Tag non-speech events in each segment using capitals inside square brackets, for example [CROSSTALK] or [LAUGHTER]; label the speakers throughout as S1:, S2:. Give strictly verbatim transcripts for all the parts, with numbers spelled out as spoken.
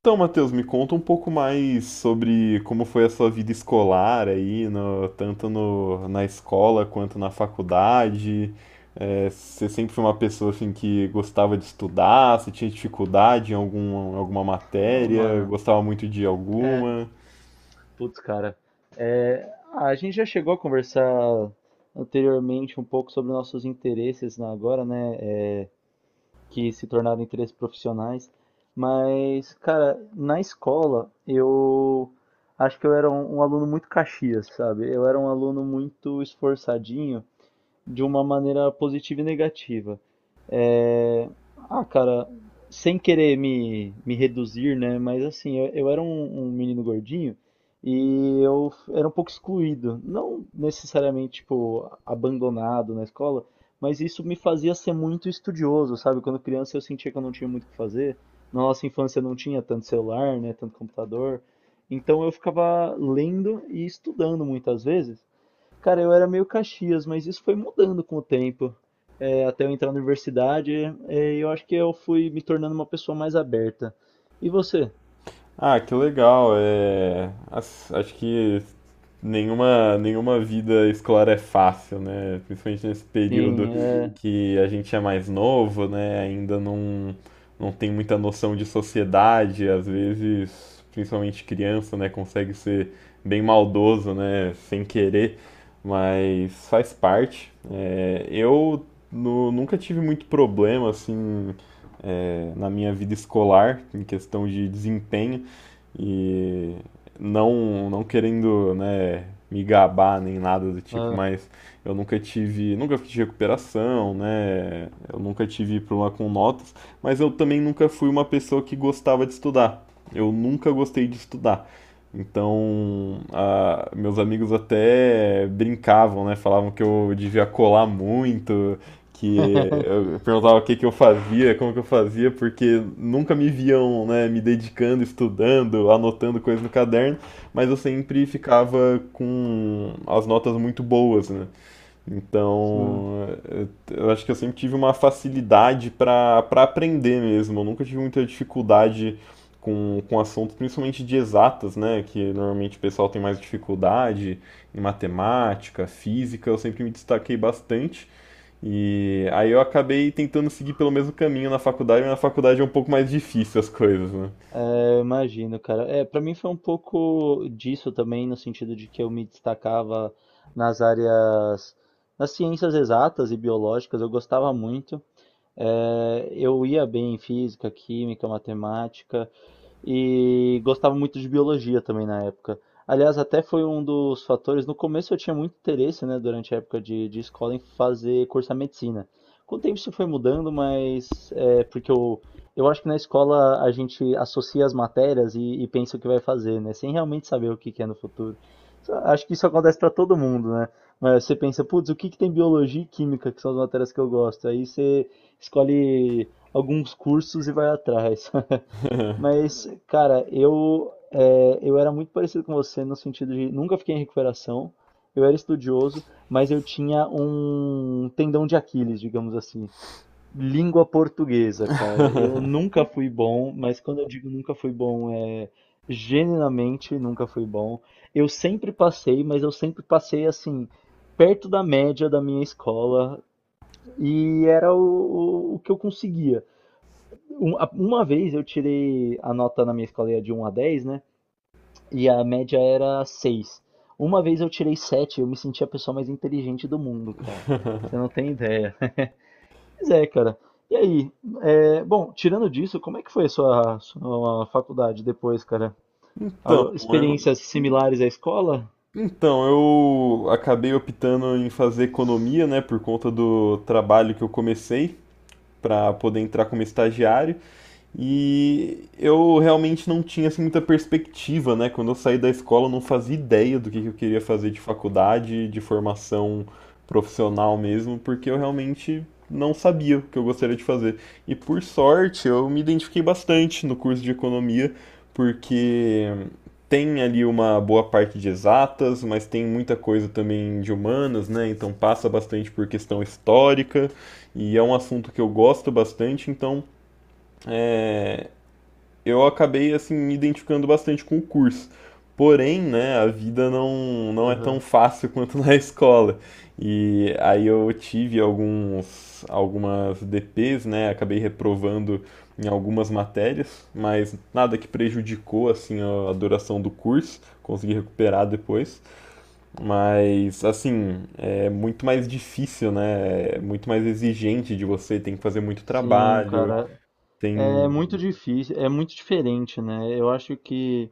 S1: Então, Matheus, me conta um pouco mais sobre como foi a sua vida escolar aí, no- tanto no- na escola quanto na faculdade. É, você sempre foi uma pessoa assim que gostava de estudar, você tinha dificuldade em algum, alguma
S2: Oh
S1: matéria,
S2: mano,
S1: gostava muito de
S2: é,
S1: alguma.
S2: putz, cara, é, a gente já chegou a conversar anteriormente um pouco sobre nossos interesses na agora, né, é, que se tornaram interesses profissionais, mas, cara, na escola eu acho que eu era um, um aluno muito caxias, sabe? Eu era um aluno muito esforçadinho de uma maneira positiva e negativa. É, ah, cara, sem querer me, me reduzir, né? Mas assim, eu, eu era um, um menino gordinho e eu f- era um pouco excluído. Não necessariamente, tipo, abandonado na escola, mas isso me fazia ser muito estudioso, sabe? Quando criança eu sentia que eu não tinha muito o que fazer. Na nossa infância não tinha tanto celular, né? Tanto computador. Então eu ficava lendo e estudando muitas vezes. Cara, eu era meio Caxias, mas isso foi mudando com o tempo. É, até eu entrar na universidade, é, eu acho que eu fui me tornando uma pessoa mais aberta. E você?
S1: Ah, que legal. É, as- acho que nenhuma, nenhuma vida escolar é fácil, né? Principalmente nesse período
S2: Sim, é.
S1: que a gente é mais novo, né? Ainda não, Não tem muita noção de sociedade, às vezes, principalmente criança, né? Consegue ser bem maldoso, né? Sem querer, mas faz parte. É, eu nu- nunca tive muito problema, assim, é, na minha vida escolar, em questão de desempenho. E não, não querendo, né, me gabar nem nada do tipo,
S2: Ah,
S1: mas eu nunca tive, nunca fiz recuperação, né? Eu nunca tive problema com notas, mas eu também nunca fui uma pessoa que gostava de estudar. Eu nunca gostei de estudar. Então, ah, meus amigos até brincavam, né? Falavam que eu devia colar muito, que
S2: [LAUGHS]
S1: eu perguntava o que que eu fazia, como que eu fazia, porque nunca me viam, né, me dedicando, estudando, anotando coisas no caderno, mas eu sempre ficava com as notas muito boas, né?
S2: sim,
S1: Então, eu eu acho que eu sempre tive uma facilidade para para aprender mesmo. Eu nunca tive muita dificuldade com, com assuntos, principalmente de exatas, né? Que normalmente o pessoal tem mais dificuldade em matemática, física. Eu sempre me destaquei bastante. E aí eu acabei tentando seguir pelo mesmo caminho na faculdade, mas na faculdade é um pouco mais difícil as coisas, né?
S2: é, eu imagino, cara. É, para mim foi um pouco disso também, no sentido de que eu me destacava nas áreas, nas ciências exatas e biológicas, eu gostava muito. É, eu ia bem em física, química, matemática. E gostava muito de biologia também na época. Aliás, até foi um dos fatores. No começo eu tinha muito interesse, né, durante a época de, de escola, em fazer curso de medicina. Com o tempo isso foi mudando, mas é porque eu, eu acho que na escola a gente associa as matérias e, e pensa o que vai fazer, né, sem realmente saber o que que é no futuro. Isso- Acho que isso acontece para todo mundo, né? Mas você pensa, putz, o que que tem biologia e química, que são as matérias que eu gosto? Aí você escolhe alguns cursos e vai atrás. [LAUGHS] Mas, cara, eu, é, eu era muito parecido com você no sentido de nunca fiquei em recuperação, eu era estudioso, mas eu tinha um tendão de Aquiles, digamos assim. Língua portuguesa, cara. Eu
S1: [LAUGHS]
S2: nunca fui bom, mas quando eu digo nunca fui bom, é genuinamente nunca fui bom. Eu sempre passei, mas eu sempre passei assim, perto da média da minha escola, e era o, o, o que eu conseguia. Um- a- Uma vez eu tirei a nota na minha escola era de um a dez, né? E a média era seis. Uma vez eu tirei sete, eu me senti a pessoa mais inteligente do mundo, cara. Você não tem ideia. [LAUGHS] Mas é, cara. E aí? É, bom, tirando disso, como é que foi a sua, sua faculdade depois, cara?
S1: Então,
S2: Algu-
S1: eu,
S2: experiências similares à escola?
S1: então, eu acabei optando em fazer economia, né, por conta do trabalho que eu comecei para poder entrar como estagiário. E eu realmente não tinha assim, muita perspectiva, né? Quando eu saí da escola, eu não fazia ideia do que que eu queria fazer de faculdade, de formação profissional mesmo, porque eu realmente não sabia o que eu gostaria de fazer. E por sorte, eu me identifiquei bastante no curso de economia, porque tem ali uma boa parte de exatas, mas tem muita coisa também de humanas, né? Então passa bastante por questão histórica, e é um assunto que eu gosto bastante, então eu acabei assim me identificando bastante com o curso. Porém, né, a vida não, não é tão
S2: Aham.
S1: fácil [LAUGHS] quanto na escola. E aí eu tive alguns algumas D Ps, né, acabei reprovando em algumas matérias, mas nada que prejudicou assim a a duração do curso, consegui recuperar depois, mas assim, é muito mais difícil, né? É muito mais exigente de você, tem que fazer muito
S2: Sim,
S1: trabalho,
S2: cara. É
S1: tem.
S2: muito difícil, é muito diferente, né? Eu acho que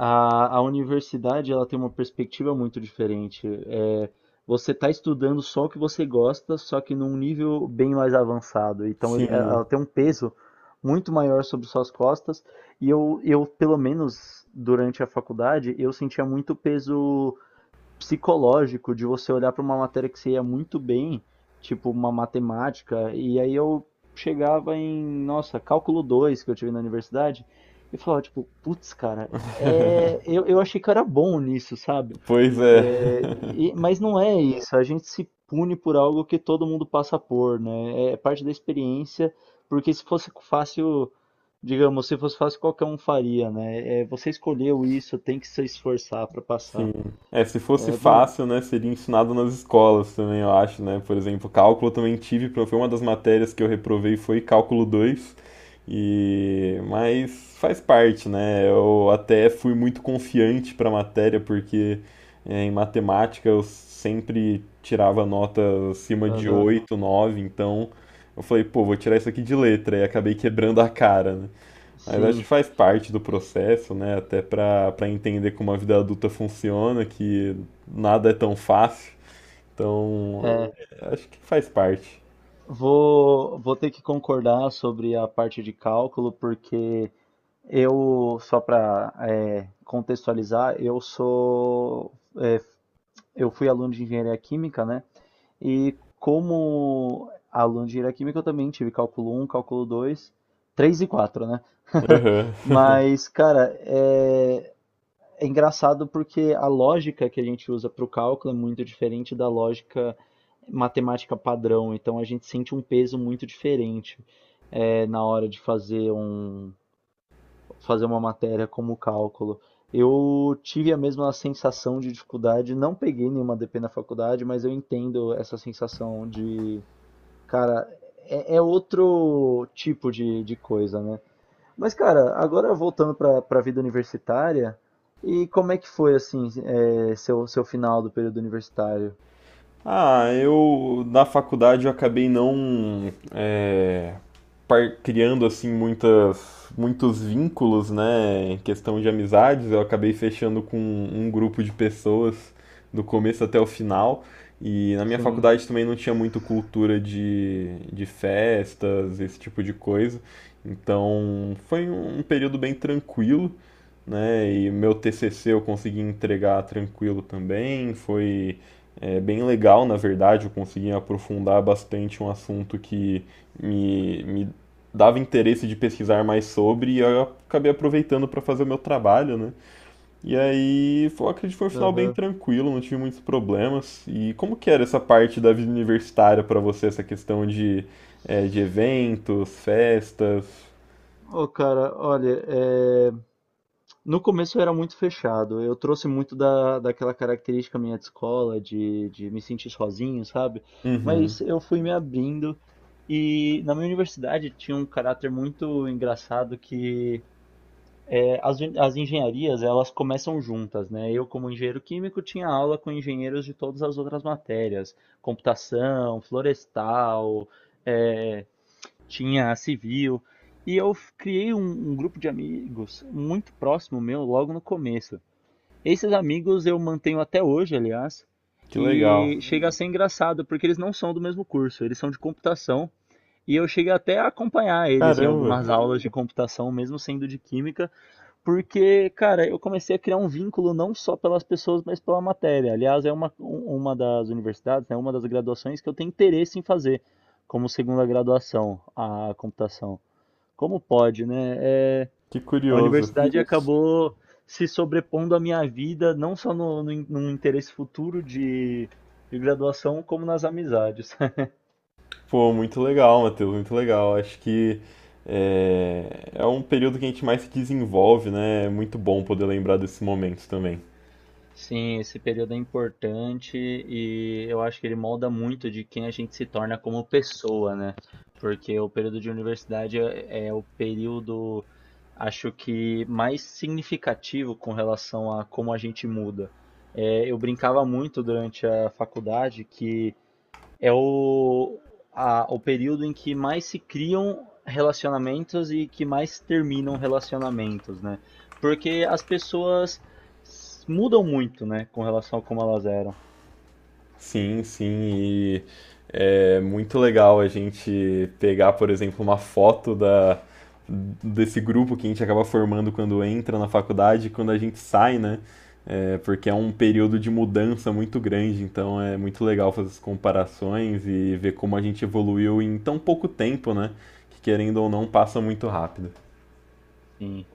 S2: A, a universidade ela tem uma perspectiva muito diferente. É, você está estudando só o que você gosta, só que num nível bem mais avançado. Então ele- ela
S1: Sim.
S2: tem um peso muito maior sobre suas costas. E eu, eu, pelo menos durante a faculdade, eu sentia muito peso psicológico de você olhar para uma matéria que você ia muito bem, tipo uma matemática, e aí eu chegava em, nossa, cálculo dois que eu tive na universidade, e falava, tipo, putz, cara, é... eu, eu achei que eu era bom nisso, sabe?
S1: Pois é.
S2: É, e- mas não é isso, a gente se pune por algo que todo mundo passa por, né? É é parte da experiência, porque se fosse fácil, digamos, se fosse fácil, qualquer um faria, né? É, você escolheu isso, tem que se esforçar para
S1: [LAUGHS]
S2: passar.
S1: Sim. É, se fosse
S2: É, bom.
S1: fácil, né, seria ensinado nas escolas também, eu acho, né? Por exemplo, cálculo eu também tive, pro- foi uma das matérias que eu reprovei foi cálculo dois. E mas faz parte, né? Eu até fui muito confiante para a matéria porque é, em matemática eu sempre tirava nota acima de
S2: Aham.
S1: oito nove, então eu falei, pô, vou tirar isso aqui de letra e acabei quebrando a cara, né? Mas acho que
S2: Sim,
S1: faz parte do processo, né? Até para para entender como a vida adulta funciona, que nada é tão fácil. Então,
S2: é.
S1: é, acho que faz parte.
S2: Vou, vou ter que concordar sobre a parte de cálculo, porque eu, só para contextualizar, eu sou, é, eu fui aluno de engenharia química, né? E como aluno de engenharia química, eu também tive cálculo um, cálculo dois, três e quatro, né? [LAUGHS]
S1: Aham. [LAUGHS]
S2: Mas, cara, é, é engraçado porque a lógica que a gente usa para o cálculo é muito diferente da lógica matemática padrão, então a gente sente um peso muito diferente eh, na hora de fazer um, fazer uma matéria como cálculo. Eu tive a mesma sensação de dificuldade, não peguei nenhuma D P na faculdade, mas eu entendo essa sensação de, cara, é, é outro tipo de, de coisa, né? Mas, cara, agora voltando para para a vida universitária, e como é que foi, assim, é, seu, seu final do período universitário?
S1: Ah, eu na faculdade eu acabei não é, par- criando assim muitas, muitos vínculos, né, em questão de amizades. Eu acabei fechando com um grupo de pessoas do começo até o final. E na minha
S2: Sim.
S1: faculdade também não tinha muito cultura de, de festas, esse tipo de coisa. Então foi um período bem tranquilo, né? E meu T C C eu consegui entregar tranquilo também. Foi é bem legal, na verdade, eu consegui aprofundar bastante um assunto que me, me dava interesse de pesquisar mais sobre e eu acabei aproveitando para fazer o meu trabalho, né? E aí, foi, acredito que foi um final bem
S2: Aham.
S1: tranquilo, não tive muitos problemas. E como que era essa parte da vida universitária para você, essa questão de, é, de eventos, festas?
S2: Ô, cara, olha, é, no começo eu era muito fechado. Eu trouxe muito da, daquela característica minha de escola, de, de me sentir sozinho, sabe?
S1: Uhum,
S2: Mas eu fui me abrindo e na minha universidade tinha um caráter muito engraçado que. É, as, uni- as engenharias, elas começam juntas, né? Eu, como engenheiro químico, tinha aula com engenheiros de todas as outras matérias, computação, florestal, eh, tinha civil, e eu f- criei um, um grupo de amigos muito próximo meu logo no começo. Esses amigos eu mantenho até hoje, aliás,
S1: que legal.
S2: e chega a ser engraçado, porque eles não são do mesmo curso, eles são de computação, e eu cheguei até a acompanhar eles em
S1: Caramba,
S2: algumas aulas de computação, mesmo sendo de química, porque, cara, eu comecei a criar um vínculo não só pelas pessoas, mas pela matéria. Aliás, é uma, um- uma das universidades, né, uma das graduações que eu tenho interesse em fazer como segunda graduação, a computação. Como pode, né? É,
S1: que
S2: a
S1: curioso.
S2: universidade, uhum, acabou se sobrepondo à minha vida, não só no, no, in- num interesse futuro de de graduação, como nas amizades.
S1: Pô, muito legal, Matheus, muito legal. Acho que é, é um período que a gente mais se desenvolve, né? É muito bom poder lembrar desses momentos também.
S2: Sim, esse período é importante e eu acho que ele molda muito de quem a gente se torna como pessoa, né? Porque o período de universidade é é o período, acho que mais significativo com relação a como a gente muda. É, eu brincava muito durante a faculdade que é o, a- o período em que mais se criam relacionamentos e que mais terminam relacionamentos, né? Porque as pessoas s- mudam muito, né, com relação a como elas eram.
S1: Sim, sim, e é muito legal a gente pegar, por exemplo, uma foto da, desse grupo que a gente acaba formando quando entra na faculdade e quando a gente sai, né? É, porque é um período de mudança muito grande, então é muito legal fazer as comparações e ver como a gente evoluiu em tão pouco tempo, né? Que querendo ou não, passa muito rápido.
S2: Sim.